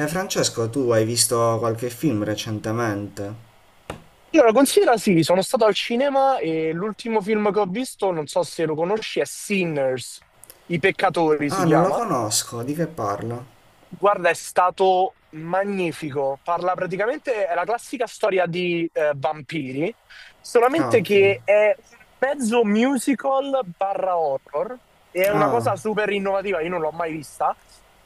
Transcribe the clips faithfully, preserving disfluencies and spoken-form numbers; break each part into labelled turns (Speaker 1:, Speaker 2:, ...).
Speaker 1: Eh, Francesco, tu hai visto qualche film recentemente?
Speaker 2: Allora, considera sì, sono stato al cinema e l'ultimo film che ho visto, non so se lo conosci, è Sinners, I peccatori si
Speaker 1: Ah, non lo
Speaker 2: chiama.
Speaker 1: conosco, di che parla?
Speaker 2: Guarda, è stato magnifico. Parla praticamente, è la classica storia di eh, vampiri,
Speaker 1: Ah,
Speaker 2: solamente
Speaker 1: ok.
Speaker 2: che è un mezzo musical barra horror e è una
Speaker 1: Ah,
Speaker 2: cosa super innovativa, io non l'ho mai vista.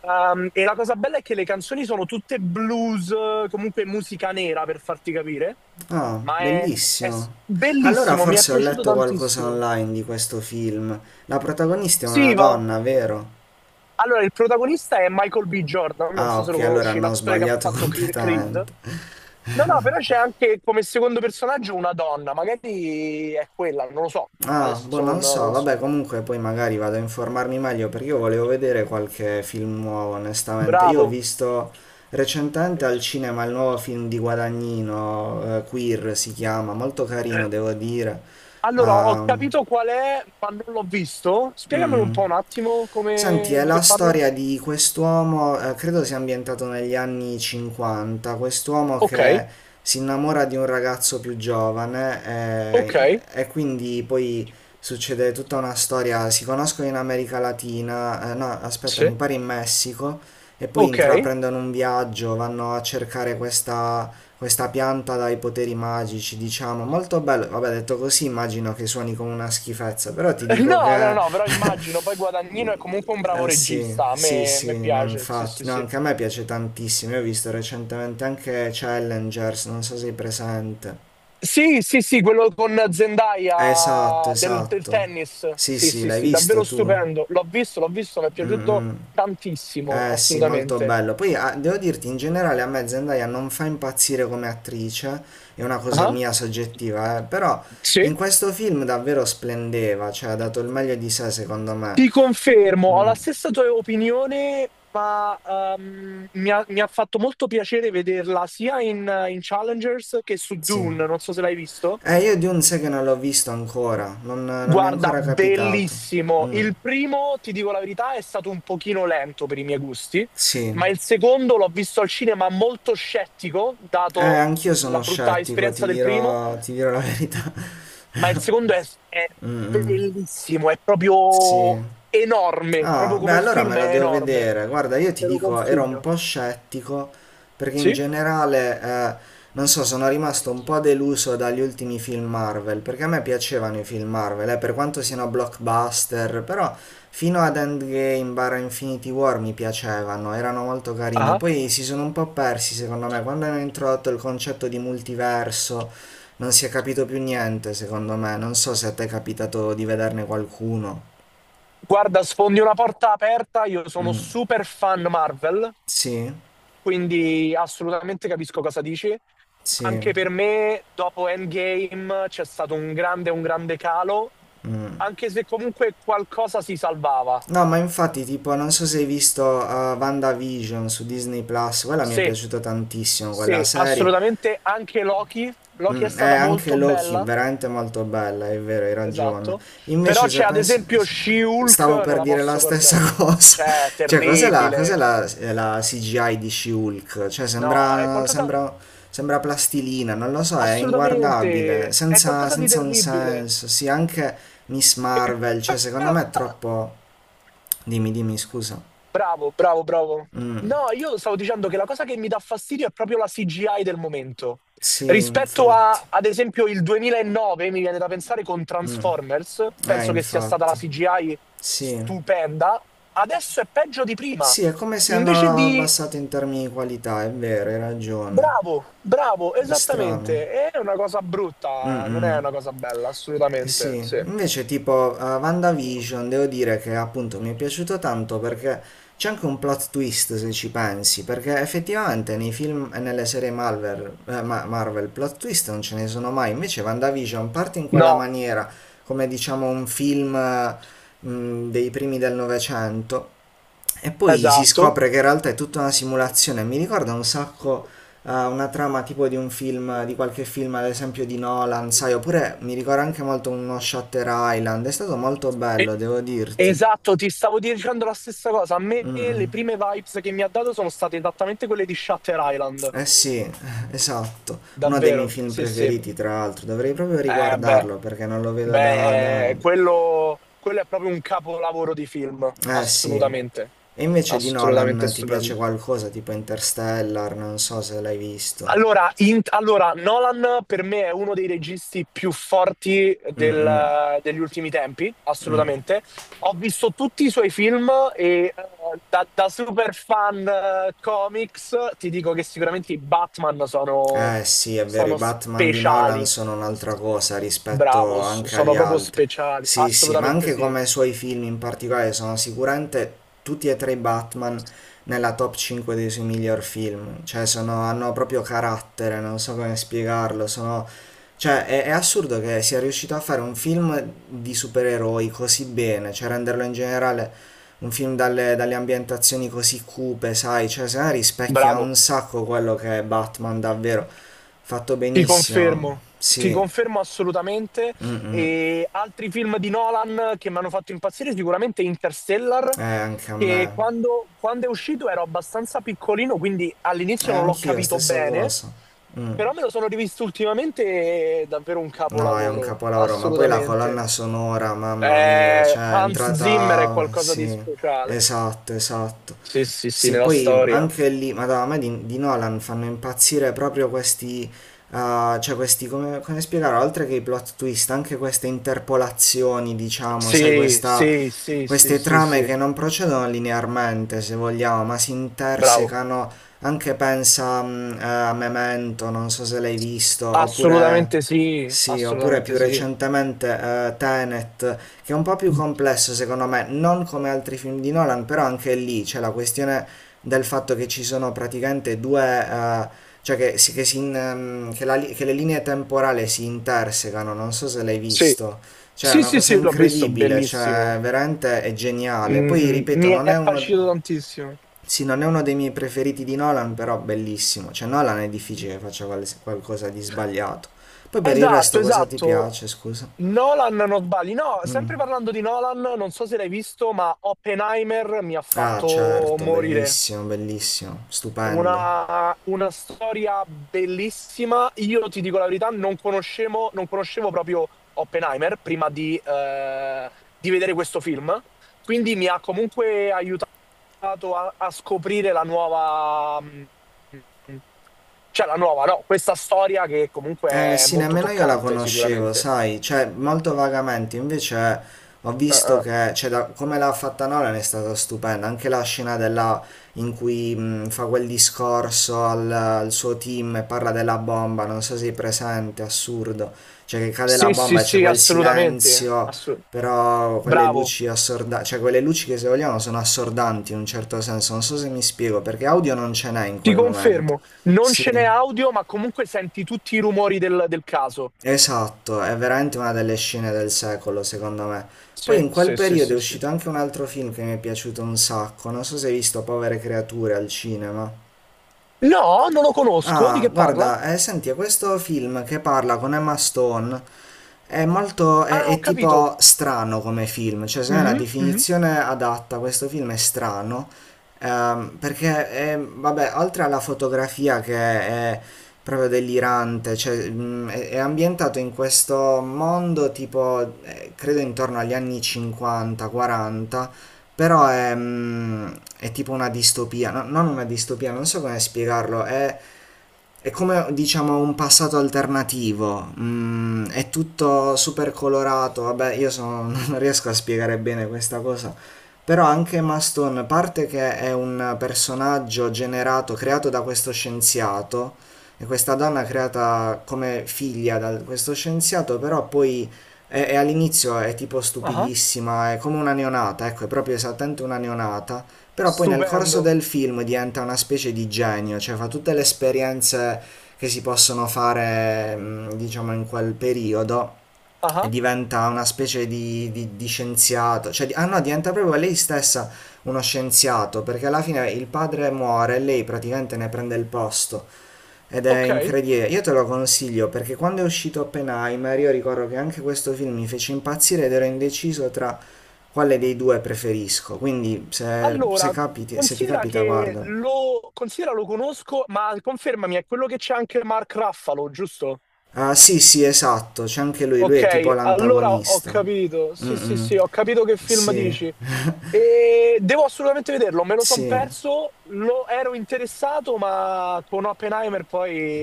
Speaker 2: Ehm, e la cosa bella è che le canzoni sono tutte blues, comunque musica nera per farti capire,
Speaker 1: ah,
Speaker 2: ma è, è s-
Speaker 1: bellissimo. Allora
Speaker 2: bellissimo, mi è
Speaker 1: forse ho
Speaker 2: piaciuto
Speaker 1: letto qualcosa
Speaker 2: tantissimo.
Speaker 1: online di questo film. La protagonista è una
Speaker 2: Sì, va.
Speaker 1: donna, vero?
Speaker 2: Allora, il protagonista è Michael B. Jordan, non
Speaker 1: Ah,
Speaker 2: so se
Speaker 1: ok,
Speaker 2: lo
Speaker 1: allora
Speaker 2: conosci,
Speaker 1: hanno
Speaker 2: l'attore che ha
Speaker 1: sbagliato
Speaker 2: fatto Cre- Creed.
Speaker 1: completamente.
Speaker 2: No, no, però c'è anche come secondo personaggio una donna, magari è quella, non lo so,
Speaker 1: Ah, boh,
Speaker 2: adesso non,
Speaker 1: non so,
Speaker 2: non
Speaker 1: vabbè,
Speaker 2: so.
Speaker 1: comunque poi magari vado a informarmi meglio perché io volevo vedere qualche film nuovo, onestamente. Io ho
Speaker 2: Bravo.
Speaker 1: visto recentemente al cinema il nuovo film di Guadagnino, eh, Queer si chiama, molto carino, devo dire.
Speaker 2: Allora, ho
Speaker 1: Ah,
Speaker 2: capito qual è, ma non l'ho visto. Spiegamelo un
Speaker 1: mm.
Speaker 2: po' un attimo
Speaker 1: Senti,
Speaker 2: come
Speaker 1: è
Speaker 2: di
Speaker 1: la
Speaker 2: che parlo.
Speaker 1: storia di quest'uomo, eh, credo sia ambientato negli anni cinquanta, quest'uomo
Speaker 2: Ok,
Speaker 1: che si innamora di un ragazzo più giovane
Speaker 2: ok,
Speaker 1: eh, e quindi poi succede tutta una storia, si conoscono in America Latina, eh, no, aspetta, mi
Speaker 2: sì,
Speaker 1: pare in Messico, e poi
Speaker 2: ok.
Speaker 1: intraprendono un viaggio, vanno a cercare questa questa pianta dai poteri magici, diciamo, molto bello. Vabbè, detto così immagino che suoni come una schifezza, però ti dico
Speaker 2: No, no,
Speaker 1: che...
Speaker 2: no, però immagino, poi Guadagnino è comunque un bravo
Speaker 1: Eh sì,
Speaker 2: regista, a
Speaker 1: sì,
Speaker 2: me, a
Speaker 1: sì,
Speaker 2: me
Speaker 1: no,
Speaker 2: piace, sì, sì,
Speaker 1: infatti, no,
Speaker 2: sì.
Speaker 1: anche a me piace tantissimo. Io ho visto recentemente anche Challengers, non so se sei presente.
Speaker 2: Sì, sì, sì, quello con
Speaker 1: Esatto,
Speaker 2: Zendaya del, del
Speaker 1: esatto.
Speaker 2: tennis,
Speaker 1: Sì,
Speaker 2: sì,
Speaker 1: sì,
Speaker 2: sì,
Speaker 1: l'hai
Speaker 2: sì,
Speaker 1: visto
Speaker 2: davvero
Speaker 1: tu?
Speaker 2: stupendo, l'ho visto, l'ho visto, mi è
Speaker 1: Mm,
Speaker 2: piaciuto
Speaker 1: mm.
Speaker 2: tantissimo,
Speaker 1: Eh sì, molto
Speaker 2: assolutamente.
Speaker 1: bello. Poi ah, devo dirti, in generale a me Zendaya non fa impazzire come attrice, è una cosa
Speaker 2: Ah,
Speaker 1: mia soggettiva, eh, però
Speaker 2: sì?
Speaker 1: in questo film davvero splendeva, cioè ha dato il meglio di sé secondo me.
Speaker 2: Ti confermo, ho
Speaker 1: Mm,
Speaker 2: la stessa tua opinione, ma ehm, mi ha, mi ha fatto molto piacere vederla sia in, in Challengers che su
Speaker 1: sì.
Speaker 2: Dune, non so se l'hai visto.
Speaker 1: Eh, io Dune sai che non l'ho visto ancora, non, non mi è
Speaker 2: Guarda,
Speaker 1: ancora capitato.
Speaker 2: bellissimo.
Speaker 1: Mm,
Speaker 2: Il primo, ti dico la verità, è stato un pochino lento per i miei gusti,
Speaker 1: sì.
Speaker 2: ma il secondo l'ho visto al cinema molto scettico,
Speaker 1: Eh,
Speaker 2: dato
Speaker 1: anch'io
Speaker 2: la
Speaker 1: sono
Speaker 2: brutta
Speaker 1: scettico, ti
Speaker 2: esperienza del primo.
Speaker 1: dirò, ti dirò la verità.
Speaker 2: Ma il secondo è, è
Speaker 1: Mm, mm,
Speaker 2: bellissimo, è proprio
Speaker 1: sì.
Speaker 2: enorme,
Speaker 1: Ah,
Speaker 2: proprio
Speaker 1: beh,
Speaker 2: come
Speaker 1: allora me
Speaker 2: film
Speaker 1: la
Speaker 2: è
Speaker 1: devo
Speaker 2: enorme.
Speaker 1: vedere. Guarda, io ti
Speaker 2: Te lo
Speaker 1: dico, ero un
Speaker 2: consiglio.
Speaker 1: po' scettico perché in
Speaker 2: Sì?
Speaker 1: generale, eh, non so, sono rimasto un po' deluso dagli ultimi film Marvel, perché a me piacevano i film Marvel, eh, per quanto siano blockbuster, però fino ad Endgame barra Infinity War mi piacevano, erano molto carini.
Speaker 2: Ah.
Speaker 1: Poi si sono un po' persi, secondo me, quando hanno introdotto il concetto di multiverso, non si è capito più niente, secondo me. Non so se a te è capitato di vederne qualcuno.
Speaker 2: Guarda, sfondi una porta aperta, io sono
Speaker 1: Mm,
Speaker 2: super fan Marvel,
Speaker 1: sì.
Speaker 2: quindi assolutamente capisco cosa dici.
Speaker 1: Sì,
Speaker 2: Anche per me, dopo Endgame, c'è stato un grande, un grande calo,
Speaker 1: mh.
Speaker 2: anche se comunque qualcosa si salvava.
Speaker 1: No, ma infatti, tipo, non so se hai visto Vanda WandaVision su Disney Plus, quella mi è
Speaker 2: Sì,
Speaker 1: piaciuta tantissimo, quella
Speaker 2: sì,
Speaker 1: serie.
Speaker 2: assolutamente. Anche Loki, Loki è
Speaker 1: Mm, è
Speaker 2: stata
Speaker 1: anche
Speaker 2: molto
Speaker 1: Loki,
Speaker 2: bella,
Speaker 1: veramente molto bella, è vero, hai ragione.
Speaker 2: esatto. Però
Speaker 1: Invece, se
Speaker 2: c'è ad
Speaker 1: pensi,
Speaker 2: esempio She-Hulk,
Speaker 1: stavo
Speaker 2: non
Speaker 1: per
Speaker 2: la
Speaker 1: dire la
Speaker 2: posso
Speaker 1: stessa
Speaker 2: guardare.
Speaker 1: cosa.
Speaker 2: Cioè, è
Speaker 1: Cioè, cos'è la, cos'è
Speaker 2: terribile.
Speaker 1: la, eh, la C G I di She-Hulk? Cioè,
Speaker 2: No, è
Speaker 1: sembra,
Speaker 2: qualcosa.
Speaker 1: sembra, sembra plastilina, non lo so, è inguardabile,
Speaker 2: Assolutamente, è
Speaker 1: senza,
Speaker 2: qualcosa di
Speaker 1: senza un
Speaker 2: terribile.
Speaker 1: senso. Sì, anche Miss
Speaker 2: E
Speaker 1: Marvel,
Speaker 2: poi
Speaker 1: cioè, secondo
Speaker 2: la-
Speaker 1: me è troppo. Dimmi, dimmi, scusa.
Speaker 2: bravo, bravo, bravo.
Speaker 1: Mm,
Speaker 2: No, io stavo dicendo che la cosa che mi dà fastidio è proprio la C G I del momento.
Speaker 1: sì,
Speaker 2: Rispetto
Speaker 1: infatti.
Speaker 2: a, ad esempio, il duemilanove, mi viene da pensare con
Speaker 1: Mm,
Speaker 2: Transformers,
Speaker 1: eh,
Speaker 2: penso che sia stata la
Speaker 1: infatti.
Speaker 2: C G I
Speaker 1: Sì.
Speaker 2: stupenda. Adesso è peggio di prima.
Speaker 1: Sì, è come se
Speaker 2: Invece
Speaker 1: hanno
Speaker 2: di...
Speaker 1: abbassato in termini di qualità, è vero, hai ragione.
Speaker 2: bravo, bravo,
Speaker 1: È strano.
Speaker 2: esattamente. È una cosa
Speaker 1: Mm,
Speaker 2: brutta, non
Speaker 1: mm.
Speaker 2: è una cosa bella,
Speaker 1: Eh,
Speaker 2: assolutamente,
Speaker 1: sì,
Speaker 2: sì.
Speaker 1: invece tipo eh, WandaVision devo dire che appunto mi è piaciuto tanto perché c'è anche un plot twist se ci pensi, perché effettivamente nei film e nelle serie Marvel, eh, Ma- Marvel plot twist non ce ne sono mai, invece WandaVision parte in quella
Speaker 2: No,
Speaker 1: maniera, come diciamo un film eh, mh, dei primi del Novecento, e poi si
Speaker 2: esatto.
Speaker 1: scopre che in realtà è tutta una simulazione. Mi ricorda un sacco eh, una trama tipo di un film, di qualche film, ad esempio di Nolan, sai, oppure mi ricorda anche molto uno Shutter Island. È stato molto
Speaker 2: E-
Speaker 1: bello, devo dirti.
Speaker 2: esatto, ti stavo dicendo la stessa cosa. A me
Speaker 1: Mm,
Speaker 2: le
Speaker 1: mm.
Speaker 2: prime vibes che mi ha dato sono state esattamente quelle di Shutter Island.
Speaker 1: Eh sì, esatto. Uno dei miei
Speaker 2: Davvero?
Speaker 1: film
Speaker 2: Sì, sì.
Speaker 1: preferiti, tra l'altro. Dovrei proprio
Speaker 2: Eh, beh,
Speaker 1: riguardarlo perché non lo vedo da, da
Speaker 2: beh, eh,
Speaker 1: anni.
Speaker 2: quello, quello è proprio un capolavoro di film.
Speaker 1: Eh sì.
Speaker 2: Assolutamente.
Speaker 1: E invece di
Speaker 2: Assolutamente
Speaker 1: Nolan ti
Speaker 2: stupendo.
Speaker 1: piace qualcosa tipo Interstellar? Non so se l'hai visto.
Speaker 2: Allora, in- allora, Nolan per me è uno dei registi più forti
Speaker 1: Mm, mm.
Speaker 2: del- degli ultimi tempi, assolutamente. Ho visto tutti i suoi film e eh, da, da super fan eh, comics ti dico che sicuramente i Batman sono,
Speaker 1: Eh sì, è vero, i
Speaker 2: sono
Speaker 1: Batman di Nolan
Speaker 2: speciali.
Speaker 1: sono un'altra cosa rispetto
Speaker 2: Bravo, s-
Speaker 1: anche
Speaker 2: sono
Speaker 1: agli
Speaker 2: proprio
Speaker 1: altri.
Speaker 2: speciali,
Speaker 1: Sì, sì, ma
Speaker 2: assolutamente
Speaker 1: anche
Speaker 2: sì.
Speaker 1: come i suoi film in particolare sono sicuramente tutti e tre i Batman nella top cinque dei suoi miglior film. Cioè, sono, hanno proprio carattere, non so come spiegarlo, sono... Cioè, è, è assurdo che sia riuscito a fare un film di supereroi così bene, cioè renderlo in generale un film dalle, dalle ambientazioni così cupe, sai, cioè se no rispecchia un
Speaker 2: Bravo.
Speaker 1: sacco quello che è Batman davvero, fatto
Speaker 2: Ti
Speaker 1: benissimo,
Speaker 2: confermo, ti
Speaker 1: sì,
Speaker 2: confermo assolutamente.
Speaker 1: mm
Speaker 2: E altri film di Nolan che mi hanno fatto impazzire, sicuramente Interstellar,
Speaker 1: eh, anche a
Speaker 2: che
Speaker 1: me,
Speaker 2: quando, quando è uscito ero abbastanza piccolino, quindi
Speaker 1: e
Speaker 2: all'inizio non l'ho
Speaker 1: anch'io,
Speaker 2: capito
Speaker 1: stessa
Speaker 2: bene,
Speaker 1: cosa, mm.
Speaker 2: però me lo sono rivisto ultimamente e è davvero un
Speaker 1: No, è un
Speaker 2: capolavoro,
Speaker 1: capolavoro, ma poi la
Speaker 2: assolutamente.
Speaker 1: colonna sonora, mamma mia,
Speaker 2: Eh,
Speaker 1: cioè è
Speaker 2: Hans Zimmer è
Speaker 1: entrata,
Speaker 2: qualcosa di
Speaker 1: sì,
Speaker 2: speciale.
Speaker 1: esatto, esatto.
Speaker 2: Sì, sì, sì,
Speaker 1: Sì,
Speaker 2: nella
Speaker 1: poi
Speaker 2: storia.
Speaker 1: anche lì, madonna, a me di, di Nolan fanno impazzire proprio questi, eh, cioè questi, come, come spiegare, oltre che i plot twist, anche queste interpolazioni, diciamo, sai,
Speaker 2: Sì,
Speaker 1: questa,
Speaker 2: sì, sì, sì,
Speaker 1: queste
Speaker 2: sì,
Speaker 1: trame
Speaker 2: sì.
Speaker 1: che non procedono linearmente, se vogliamo, ma si
Speaker 2: Bravo.
Speaker 1: intersecano, anche pensa, mh, eh, a Memento, non so se l'hai visto,
Speaker 2: Assolutamente
Speaker 1: oppure...
Speaker 2: sì,
Speaker 1: Sì, oppure
Speaker 2: assolutamente
Speaker 1: più
Speaker 2: sì.
Speaker 1: recentemente eh, Tenet, che è un po' più complesso secondo me, non come altri film di Nolan, però anche lì c'è la questione del fatto che ci sono praticamente due, eh, cioè che, si- che si in- ehm, che la li- che le linee temporali si intersecano, non so se l'hai
Speaker 2: Sì,
Speaker 1: visto. Cioè, è
Speaker 2: sì,
Speaker 1: una
Speaker 2: sì,
Speaker 1: cosa
Speaker 2: sì, l'ho visto,
Speaker 1: incredibile, cioè
Speaker 2: bellissimo.
Speaker 1: veramente è geniale. Poi
Speaker 2: Mm,
Speaker 1: ripeto,
Speaker 2: mi
Speaker 1: non è
Speaker 2: è
Speaker 1: uno...
Speaker 2: piaciuto tantissimo.
Speaker 1: Sì, non è uno dei miei preferiti di Nolan, però bellissimo. Cioè, Nolan è difficile che faccia qual- qualcosa di sbagliato. Poi per il
Speaker 2: Esatto,
Speaker 1: resto cosa ti
Speaker 2: esatto.
Speaker 1: piace, scusa?
Speaker 2: Nolan, non sbagli. No,
Speaker 1: Mm.
Speaker 2: sempre parlando di Nolan, non so se l'hai visto, ma Oppenheimer mi ha
Speaker 1: Ah,
Speaker 2: fatto
Speaker 1: certo,
Speaker 2: morire.
Speaker 1: bellissimo, bellissimo, stupendo.
Speaker 2: Una, una storia bellissima. Io ti dico la verità, non conoscevo, non conoscevo proprio Oppenheimer prima di, eh, di vedere questo film, quindi mi ha comunque aiutato a, a scoprire la nuova, mh, cioè la nuova, no, questa storia che comunque
Speaker 1: Eh
Speaker 2: è
Speaker 1: sì,
Speaker 2: molto
Speaker 1: nemmeno io la
Speaker 2: toccante
Speaker 1: conoscevo,
Speaker 2: sicuramente.
Speaker 1: sai, cioè molto vagamente, invece ho
Speaker 2: Eh,
Speaker 1: visto
Speaker 2: eh.
Speaker 1: che, cioè, da- come l'ha fatta Nolan è stata stupenda, anche la scena della, in cui mh, fa quel discorso al, al suo team e parla della bomba, non so se sei presente, assurdo, cioè che cade la
Speaker 2: Sì, sì,
Speaker 1: bomba e c'è
Speaker 2: sì,
Speaker 1: quel
Speaker 2: assolutamente.
Speaker 1: silenzio,
Speaker 2: Assu-
Speaker 1: però quelle
Speaker 2: bravo.
Speaker 1: luci assordanti, cioè quelle luci che se vogliamo sono assordanti in un certo senso, non so se mi spiego, perché audio non ce n'è in
Speaker 2: Ti
Speaker 1: quel momento,
Speaker 2: confermo, non ce n'è
Speaker 1: sì.
Speaker 2: audio, ma comunque senti tutti i rumori del, del caso.
Speaker 1: Esatto, è veramente una delle scene del secolo, secondo me. Poi
Speaker 2: Sì,
Speaker 1: in quel
Speaker 2: sì, sì,
Speaker 1: periodo è
Speaker 2: sì, sì.
Speaker 1: uscito anche un altro film che mi è piaciuto un sacco, non so se hai visto Povere creature al cinema.
Speaker 2: No, non lo conosco. Di
Speaker 1: Ah,
Speaker 2: che parla?
Speaker 1: guarda, eh, senti, è questo film che parla con Emma Stone è molto, è,
Speaker 2: Ah, ho
Speaker 1: è
Speaker 2: capito.
Speaker 1: tipo strano come film, cioè secondo me la
Speaker 2: Mhm, mhm.
Speaker 1: definizione adatta a questo film è strano, ehm, perché è- vabbè, oltre alla fotografia che è proprio delirante, cioè, mh, è, è ambientato in questo mondo tipo, eh, credo intorno agli anni cinquanta, quaranta, però è, mh, è tipo una distopia, no- non una distopia, non so come spiegarlo, è è come diciamo un passato alternativo, mm, è tutto super colorato, vabbè io sono- non riesco a spiegare bene questa cosa, però anche Maston, a parte che è un personaggio generato, creato da questo scienziato, e questa donna creata come figlia da questo scienziato, però poi è, è all'inizio è tipo
Speaker 2: Ah,
Speaker 1: stupidissima, è come una neonata, ecco, è proprio esattamente una neonata, però poi nel corso
Speaker 2: stupendo.
Speaker 1: del film diventa una specie di genio, cioè fa tutte le esperienze che si possono fare, mh, diciamo, in quel periodo e
Speaker 2: Ah,
Speaker 1: diventa una specie di, di- di scienziato, cioè, di- ah no, diventa proprio lei stessa uno scienziato, perché alla fine il padre muore e lei praticamente ne prende il posto. Ed è
Speaker 2: ok.
Speaker 1: incredibile, io te lo consiglio perché quando è uscito Oppenheimer io ricordo che anche questo film mi fece impazzire ed ero indeciso tra quale dei due preferisco, quindi se, se
Speaker 2: Allora,
Speaker 1: capiti- se ti
Speaker 2: considera
Speaker 1: capita
Speaker 2: che
Speaker 1: guarda.
Speaker 2: lo, considera lo conosco, ma confermami, è quello che c'è anche Mark Raffalo, giusto?
Speaker 1: Ah, sì, sì, esatto, c'è anche lui, lui è tipo
Speaker 2: Ok, allora ho
Speaker 1: l'antagonista.
Speaker 2: capito.
Speaker 1: Mm,
Speaker 2: Sì, sì,
Speaker 1: mm.
Speaker 2: sì, ho capito che film
Speaker 1: Sì,
Speaker 2: dici. E devo assolutamente vederlo, me lo son
Speaker 1: sì.
Speaker 2: perso, lo ero interessato, ma con Oppenheimer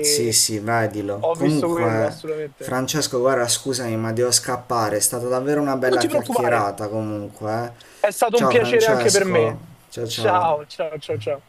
Speaker 1: Sì, sì, vedilo.
Speaker 2: ho visto quello,
Speaker 1: Comunque,
Speaker 2: assolutamente.
Speaker 1: Francesco, guarda, scusami, ma devo scappare. È stata davvero una
Speaker 2: Ma non
Speaker 1: bella
Speaker 2: ti preoccupare,
Speaker 1: chiacchierata, comunque. Eh.
Speaker 2: è stato un
Speaker 1: Ciao,
Speaker 2: piacere anche per
Speaker 1: Francesco.
Speaker 2: me.
Speaker 1: Ciao,
Speaker 2: Ciao,
Speaker 1: ciao.
Speaker 2: ciao, ciao, ciao.